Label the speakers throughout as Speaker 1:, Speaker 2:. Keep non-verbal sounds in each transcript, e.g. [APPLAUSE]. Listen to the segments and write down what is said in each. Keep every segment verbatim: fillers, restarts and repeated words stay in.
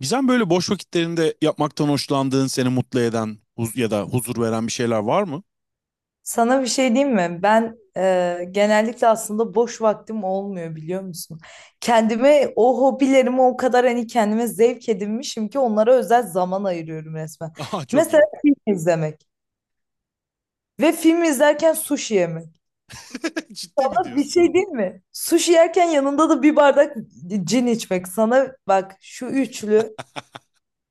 Speaker 1: Gizem böyle boş vakitlerinde yapmaktan hoşlandığın, seni mutlu eden huz ya da huzur veren bir şeyler var mı?
Speaker 2: Sana bir şey diyeyim mi? Ben e, genellikle aslında boş vaktim olmuyor biliyor musun? Kendime o hobilerimi o kadar hani kendime zevk edinmişim ki onlara özel zaman ayırıyorum resmen.
Speaker 1: [LAUGHS] Aha çok
Speaker 2: Mesela
Speaker 1: iyi.
Speaker 2: film izlemek ve film izlerken sushi yemek.
Speaker 1: [LAUGHS] Ciddi mi
Speaker 2: Ama bir
Speaker 1: diyorsun?
Speaker 2: şey değil mi? Sushi yerken yanında da bir bardak cin içmek. Sana bak şu üçlü.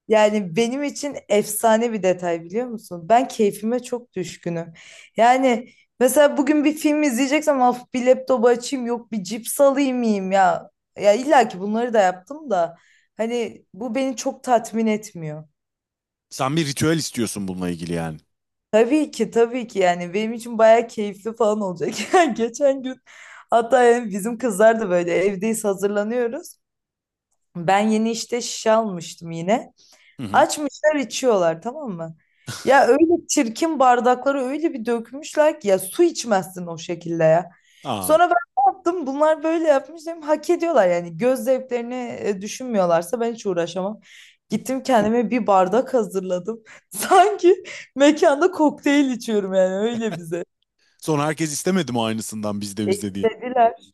Speaker 2: Yani benim için efsane bir detay biliyor musun? Ben keyfime çok düşkünüm. Yani mesela bugün bir film izleyeceksem of bir laptopu açayım yok bir cips alayım yiyeyim ya. Ya illa ki bunları da yaptım da hani bu beni çok tatmin etmiyor.
Speaker 1: Sen bir ritüel istiyorsun bununla ilgili yani.
Speaker 2: Tabii ki tabii ki, yani benim için bayağı keyifli falan olacak. [LAUGHS] Yani geçen gün, hatta yani bizim kızlar da böyle evdeyiz, hazırlanıyoruz. Ben yeni işte şişe almıştım yine.
Speaker 1: Hı hı.
Speaker 2: Açmışlar içiyorlar, tamam mı?
Speaker 1: [LAUGHS]
Speaker 2: Ya öyle çirkin bardakları öyle bir dökmüşler ki ya, su içmezsin o şekilde ya. Sonra
Speaker 1: Aa.
Speaker 2: ben ne yaptım? Bunlar böyle yapmış dedim. Hak ediyorlar yani. Göz zevklerini e, düşünmüyorlarsa ben hiç uğraşamam. Gittim kendime bir bardak hazırladım. [LAUGHS] Sanki mekanda kokteyl içiyorum, yani öyle bize.
Speaker 1: Sonra herkes istemedi mi aynısından bizde
Speaker 2: E,
Speaker 1: bizde diye.
Speaker 2: istediler.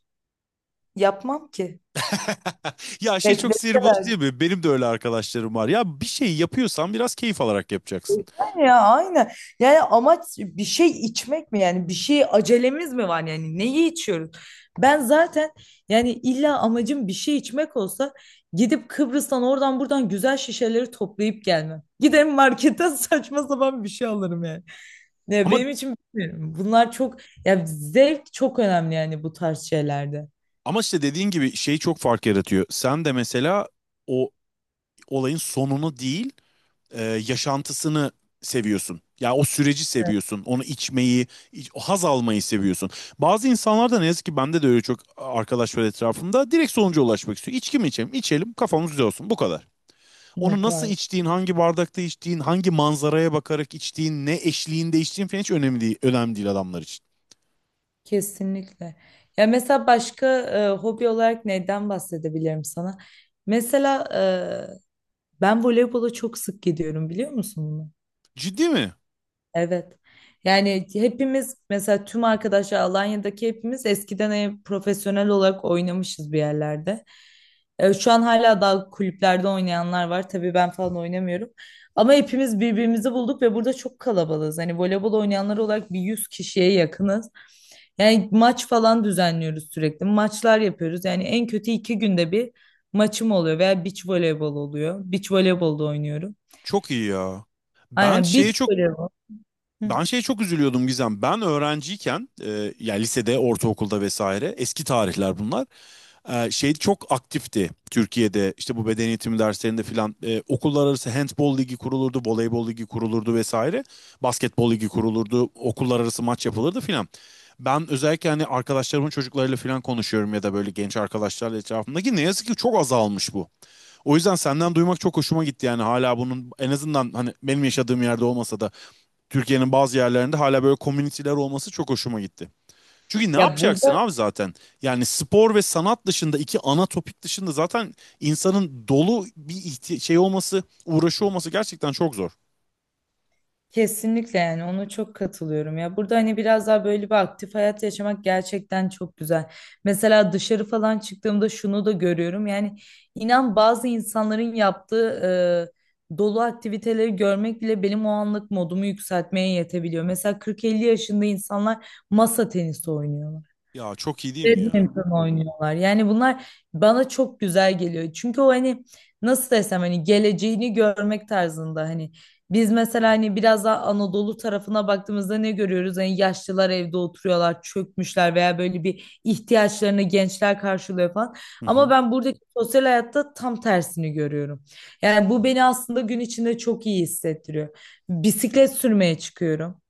Speaker 2: Yapmam ki.
Speaker 1: [LAUGHS] Ya şey çok sinir bozucu
Speaker 2: Beklettiler.
Speaker 1: değil mi? Benim de öyle arkadaşlarım var. Ya bir şey yapıyorsan biraz keyif alarak yapacaksın.
Speaker 2: Ya aynen. Yani amaç bir şey içmek mi, yani bir şey acelemiz mi var, yani neyi içiyoruz? Ben zaten, yani illa amacım bir şey içmek olsa gidip Kıbrıs'tan oradan buradan güzel şişeleri toplayıp gelmem. Giderim marketten [LAUGHS] saçma sapan bir şey alırım yani. Ya
Speaker 1: Ama
Speaker 2: benim için bilmiyorum. Bunlar çok, ya zevk çok önemli yani bu tarz şeylerde.
Speaker 1: Ama işte dediğin gibi şey çok fark yaratıyor. Sen de mesela o olayın sonunu değil, e, yaşantısını seviyorsun. Ya o süreci
Speaker 2: Evet.
Speaker 1: seviyorsun. Onu içmeyi, iç- haz almayı seviyorsun. Bazı insanlar da ne yazık ki bende de öyle çok arkadaş var etrafımda. Direkt sonuca ulaşmak istiyor. İçki mi içelim? İçelim, kafamız güzel olsun. Bu kadar. Onu
Speaker 2: Yok,
Speaker 1: nasıl
Speaker 2: hayır.
Speaker 1: içtiğin, hangi bardakta içtiğin, hangi manzaraya bakarak içtiğin, ne eşliğinde içtiğin falan hiç önemli değil, önemli değil adamlar için.
Speaker 2: Kesinlikle. Ya mesela başka e, hobi olarak neyden bahsedebilirim sana? Mesela ben voleybola çok sık gidiyorum, biliyor musun bunu?
Speaker 1: Ciddi mi?
Speaker 2: Evet. Yani hepimiz, mesela tüm arkadaşlar Alanya'daki, hepimiz eskiden e, profesyonel olarak oynamışız bir yerlerde. E, şu an hala daha kulüplerde oynayanlar var. Tabii ben falan oynamıyorum. Ama hepimiz birbirimizi bulduk ve burada çok kalabalığız. Hani voleybol oynayanlar olarak bir yüz kişiye yakınız. Yani maç falan düzenliyoruz sürekli. Maçlar yapıyoruz. Yani en kötü iki günde bir maçım oluyor veya beach voleybol oluyor. Beach voleybolda oynuyorum.
Speaker 1: Çok iyi ya. Ben
Speaker 2: Aynen, beach
Speaker 1: şeye çok
Speaker 2: voleybol. Hı.
Speaker 1: Ben şeye çok üzülüyordum Gizem. Ben öğrenciyken, e, yani lisede, ortaokulda vesaire, eski tarihler bunlar. E, şey çok aktifti Türkiye'de. İşte bu beden eğitimi derslerinde filan e, okullar arası handbol ligi kurulurdu, voleybol ligi kurulurdu vesaire. Basketbol ligi kurulurdu, okullar arası maç yapılırdı filan. Ben özellikle hani arkadaşlarımın çocuklarıyla filan konuşuyorum ya da böyle genç arkadaşlarla etrafımdaki ne yazık ki çok azalmış bu. O yüzden senden duymak çok hoşuma gitti yani hala bunun en azından hani benim yaşadığım yerde olmasa da Türkiye'nin bazı yerlerinde hala böyle komüniteler olması çok hoşuma gitti. Çünkü ne
Speaker 2: Ya
Speaker 1: yapacaksın
Speaker 2: burada
Speaker 1: abi zaten? Yani spor ve sanat dışında iki ana topik dışında zaten insanın dolu bir ihti- şey olması, uğraşı olması gerçekten çok zor.
Speaker 2: kesinlikle, yani ona çok katılıyorum ya. Burada hani biraz daha böyle bir aktif hayat yaşamak gerçekten çok güzel. Mesela dışarı falan çıktığımda şunu da görüyorum. Yani inan, bazı insanların yaptığı e, dolu aktiviteleri görmek bile benim o anlık modumu yükseltmeye yetebiliyor. Mesela kırk elli yaşında insanlar masa tenisi oynuyorlar.
Speaker 1: Ya çok iyi değil mi ya?
Speaker 2: Badminton oynuyorlar. Yani bunlar bana çok güzel geliyor. Çünkü o hani nasıl desem, hani geleceğini görmek tarzında, hani biz mesela hani biraz daha Anadolu tarafına baktığımızda ne görüyoruz? Hani yaşlılar evde oturuyorlar, çökmüşler veya böyle bir ihtiyaçlarını gençler karşılıyor falan.
Speaker 1: Hı
Speaker 2: Ama
Speaker 1: hı.
Speaker 2: ben buradaki sosyal hayatta tam tersini görüyorum. Yani bu beni aslında gün içinde çok iyi hissettiriyor. Bisiklet sürmeye çıkıyorum.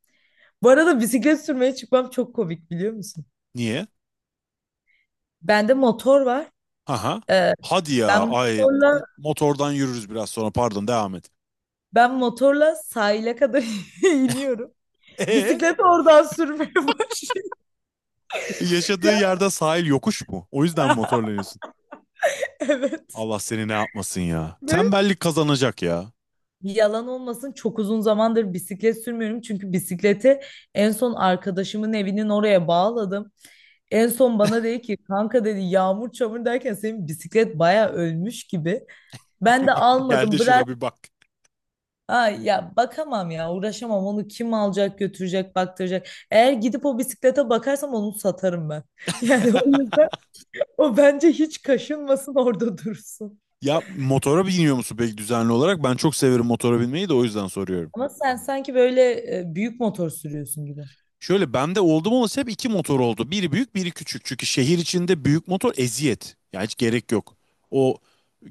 Speaker 2: Bu arada bisiklet sürmeye çıkmam çok komik, biliyor musun?
Speaker 1: Niye?
Speaker 2: Bende motor var.
Speaker 1: Haha.
Speaker 2: Ee,
Speaker 1: Hadi
Speaker 2: ben
Speaker 1: ya. Ay
Speaker 2: motorla
Speaker 1: motordan yürürüz biraz sonra. Pardon devam et.
Speaker 2: ben motorla sahile kadar [LAUGHS] iniyorum.
Speaker 1: Ee,
Speaker 2: Bisikleti oradan sürmeye başlıyorum. [LAUGHS]
Speaker 1: yaşadığı
Speaker 2: Ya,
Speaker 1: yerde sahil yokuş mu? O yüzden mi motorlanıyorsun?
Speaker 2: evet.
Speaker 1: Allah seni ne yapmasın ya.
Speaker 2: Ve
Speaker 1: Tembellik kazanacak ya.
Speaker 2: yalan olmasın, çok uzun zamandır bisiklet sürmüyorum. Çünkü bisikleti en son arkadaşımın evinin oraya bağladım. En son bana dedi ki, kanka dedi, yağmur çamur derken senin bisiklet baya ölmüş gibi. Ben de
Speaker 1: [LAUGHS] Gel de
Speaker 2: almadım,
Speaker 1: şuna bir
Speaker 2: bıraktım.
Speaker 1: bak.
Speaker 2: Ay ya bakamam ya, uğraşamam, onu kim alacak, götürecek, baktıracak. Eğer gidip o bisiklete bakarsam onu satarım ben. [LAUGHS] Yani o yüzden o, bence hiç kaşınmasın, orada dursun.
Speaker 1: Ya motora biniyor musun peki düzenli olarak? Ben çok severim motora binmeyi de o yüzden soruyorum.
Speaker 2: Ama sen sanki böyle e, büyük motor sürüyorsun gibi.
Speaker 1: Şöyle bende oldum olası hep iki motor oldu. Biri büyük biri küçük. Çünkü şehir içinde büyük motor eziyet. Ya hiç gerek yok. O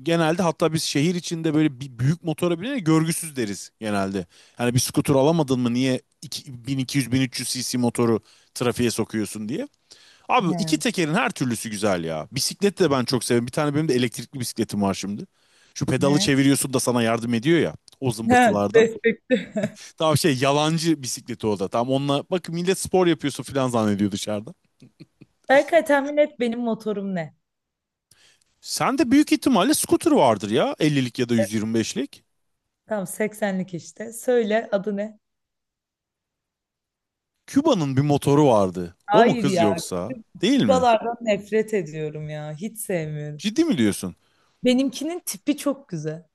Speaker 1: genelde hatta biz şehir içinde böyle bir büyük motora binene görgüsüz deriz genelde. Hani bir skuter alamadın mı niye iki- bin iki yüz bin üç yüz cc motoru trafiğe sokuyorsun diye. Abi iki
Speaker 2: He,
Speaker 1: tekerin her türlüsü güzel ya. Bisiklet de ben çok severim. Bir tane benim de elektrikli bisikletim var şimdi. Şu pedalı
Speaker 2: he.
Speaker 1: çeviriyorsun da sana yardım ediyor ya o
Speaker 2: He,
Speaker 1: zımbırtılarda.
Speaker 2: destekli.
Speaker 1: Tam şey yalancı bisikleti o da. Tam onunla bak millet spor yapıyorsun falan zannediyor dışarıda.
Speaker 2: Berkay tahmin et benim motorum ne?
Speaker 1: Sen de büyük ihtimalle scooter vardır ya ellilik ya da yüz yirmi beşlik.
Speaker 2: Tamam, seksenlik işte. Söyle adı ne?
Speaker 1: Küba'nın bir motoru vardı. O mu
Speaker 2: Hayır
Speaker 1: kız
Speaker 2: ya.
Speaker 1: yoksa? Değil mi?
Speaker 2: Kübalardan nefret ediyorum ya. Hiç sevmiyorum.
Speaker 1: Ciddi mi diyorsun?
Speaker 2: Benimkinin tipi çok güzel.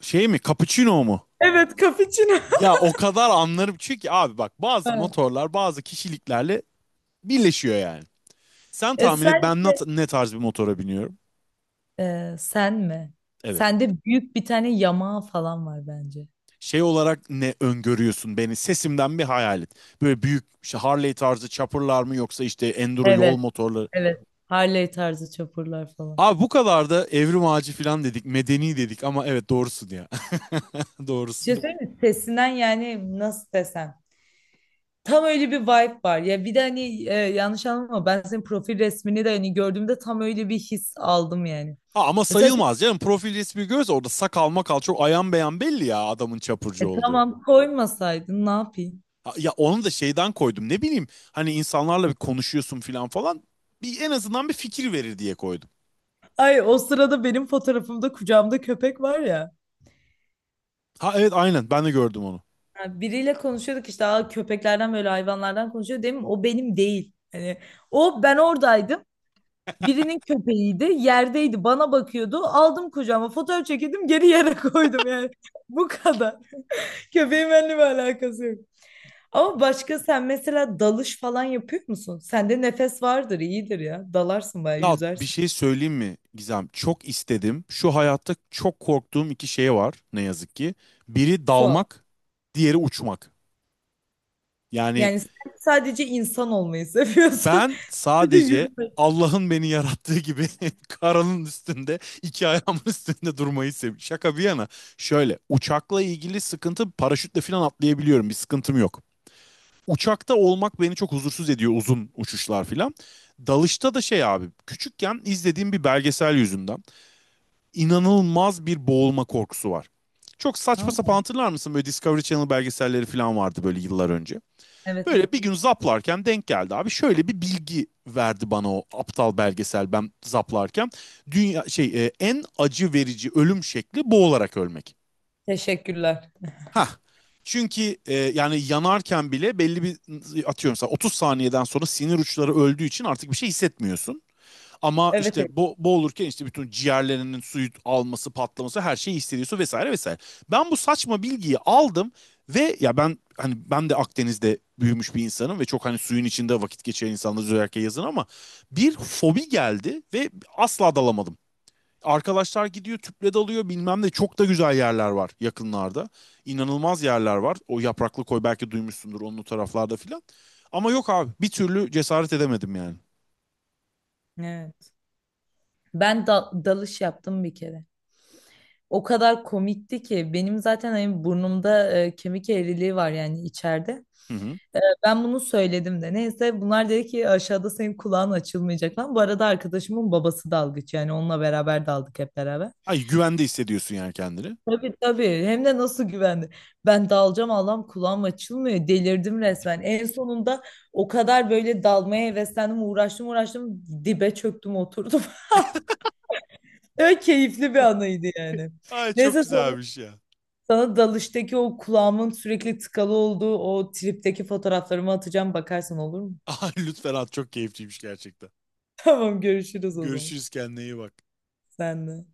Speaker 1: Şey mi? Cappuccino mu?
Speaker 2: Evet, cappuccino.
Speaker 1: Ya o kadar anlarım çünkü abi bak bazı
Speaker 2: Ha.
Speaker 1: motorlar bazı kişiliklerle birleşiyor yani. Sen
Speaker 2: E
Speaker 1: tahmin et ben
Speaker 2: sence,
Speaker 1: nat- ne tarz bir motora biniyorum?
Speaker 2: e, sen mi?
Speaker 1: Evet.
Speaker 2: Sende büyük bir tane yamağı falan var bence.
Speaker 1: Şey olarak ne öngörüyorsun beni? Sesimden bir hayal et. Böyle büyük işte Harley tarzı chopper'lar mı yoksa işte enduro yol
Speaker 2: Evet,
Speaker 1: motorları.
Speaker 2: evet. Harley tarzı çapurlar falan.
Speaker 1: Abi bu kadar da evrim ağacı falan dedik, medeni dedik ama evet doğrusun ya. [LAUGHS]
Speaker 2: Bir
Speaker 1: Doğrusun.
Speaker 2: şey söyleyeyim mi? Sesinden, yani nasıl desem? Tam öyle bir vibe var. Ya bir de hani e, yanlış anlama, ben senin profil resmini de hani gördüğümde tam öyle bir his aldım yani.
Speaker 1: Ha, ama
Speaker 2: Mesela sen,
Speaker 1: sayılmaz canım. Profil resmi göz orada sakal makal çok ayan beyan belli ya adamın çapurcu
Speaker 2: e,
Speaker 1: olduğu.
Speaker 2: tamam, koymasaydın ne yapayım?
Speaker 1: Ha, ya onu da şeyden koydum ne bileyim hani insanlarla bir konuşuyorsun falan falan bir en azından bir fikir verir diye koydum.
Speaker 2: Ay o sırada benim fotoğrafımda kucağımda köpek var ya.
Speaker 1: Ha evet aynen ben de gördüm onu.
Speaker 2: Ha, biriyle konuşuyorduk işte. Aa, köpeklerden böyle hayvanlardan konuşuyor değil, o benim değil. Hani o, ben oradaydım. Birinin köpeğiydi, yerdeydi, bana bakıyordu. Aldım kucağıma, fotoğraf çekildim, geri yere [LAUGHS] koydum yani. Bu kadar. Köpeğin benimle bir alakası yok. Ama başka, sen mesela dalış falan yapıyor musun? Sende nefes vardır, iyidir ya. Dalarsın, bayağı
Speaker 1: Ya bir
Speaker 2: yüzersin.
Speaker 1: şey söyleyeyim mi Gizem? Çok istedim. Şu hayatta çok korktuğum iki şey var ne yazık ki. Biri
Speaker 2: Su al.
Speaker 1: dalmak, diğeri uçmak. Yani
Speaker 2: Yani sen sadece insan olmayı seviyorsun.
Speaker 1: ben
Speaker 2: [LAUGHS] Sadece
Speaker 1: sadece
Speaker 2: yürümeyi.
Speaker 1: Allah'ın beni yarattığı gibi [LAUGHS] karanın üstünde, iki ayağımın üstünde durmayı seviyorum. Şaka bir yana. Şöyle uçakla ilgili sıkıntı paraşütle falan atlayabiliyorum. Bir sıkıntım yok. Uçakta olmak beni çok huzursuz ediyor uzun uçuşlar filan. Dalışta da şey abi küçükken izlediğim bir belgesel yüzünden inanılmaz bir boğulma korkusu var. Çok saçma sapan
Speaker 2: Tamam.
Speaker 1: hatırlar mısın böyle Discovery Channel belgeselleri falan vardı böyle yıllar önce.
Speaker 2: Evet, evet.
Speaker 1: Böyle bir gün zaplarken denk geldi abi. Şöyle bir bilgi verdi bana o aptal belgesel ben zaplarken. Dünya şey e, en acı verici ölüm şekli boğularak ölmek.
Speaker 2: Teşekkürler.
Speaker 1: Ha. Çünkü e, yani yanarken bile belli bir atıyorum mesela otuz saniyeden sonra sinir uçları öldüğü için artık bir şey hissetmiyorsun. Ama
Speaker 2: Evet, evet.
Speaker 1: işte bo boğulurken işte bütün ciğerlerinin suyu alması, patlaması her şeyi hissediyorsun vesaire vesaire. Ben bu saçma bilgiyi aldım ve ya ben hani ben de Akdeniz'de büyümüş bir insanım ve çok hani suyun içinde vakit geçiren insanlarız özellikle yazın ama bir fobi geldi ve asla dalamadım. Arkadaşlar gidiyor tüple dalıyor bilmem ne çok da güzel yerler var yakınlarda. İnanılmaz yerler var. O yapraklı koy belki duymuşsundur onun o taraflarda filan. Ama yok abi bir türlü cesaret edemedim yani.
Speaker 2: Evet. Ben da- dalış yaptım bir kere. O kadar komikti ki, benim zaten hani burnumda e, kemik eğriliği var, yani içeride.
Speaker 1: Hı hı.
Speaker 2: Ee, Ben bunu söyledim de. Neyse, bunlar dedi ki aşağıda senin kulağın açılmayacak falan. Bu arada arkadaşımın babası dalgıç, yani onunla beraber daldık hep beraber.
Speaker 1: Ay güvende hissediyorsun yani kendini.
Speaker 2: Tabii tabii, hem de nasıl güvendi. Ben dalacağım, Allah'ım kulağım açılmıyor. Delirdim resmen. En sonunda o kadar böyle dalmaya heveslendim, uğraştım uğraştım, dibe çöktüm oturdum. [LAUGHS] Öyle keyifli bir anıydı yani.
Speaker 1: Ay çok
Speaker 2: Neyse, sonra
Speaker 1: güzelmiş ya.
Speaker 2: sana dalıştaki o kulağımın sürekli tıkalı olduğu o tripteki fotoğraflarımı atacağım, bakarsan olur mu?
Speaker 1: [LAUGHS] Ay lütfen at çok keyifliymiş gerçekten.
Speaker 2: [LAUGHS] Tamam, görüşürüz o zaman.
Speaker 1: Görüşürüz kendine iyi bak.
Speaker 2: Sen de.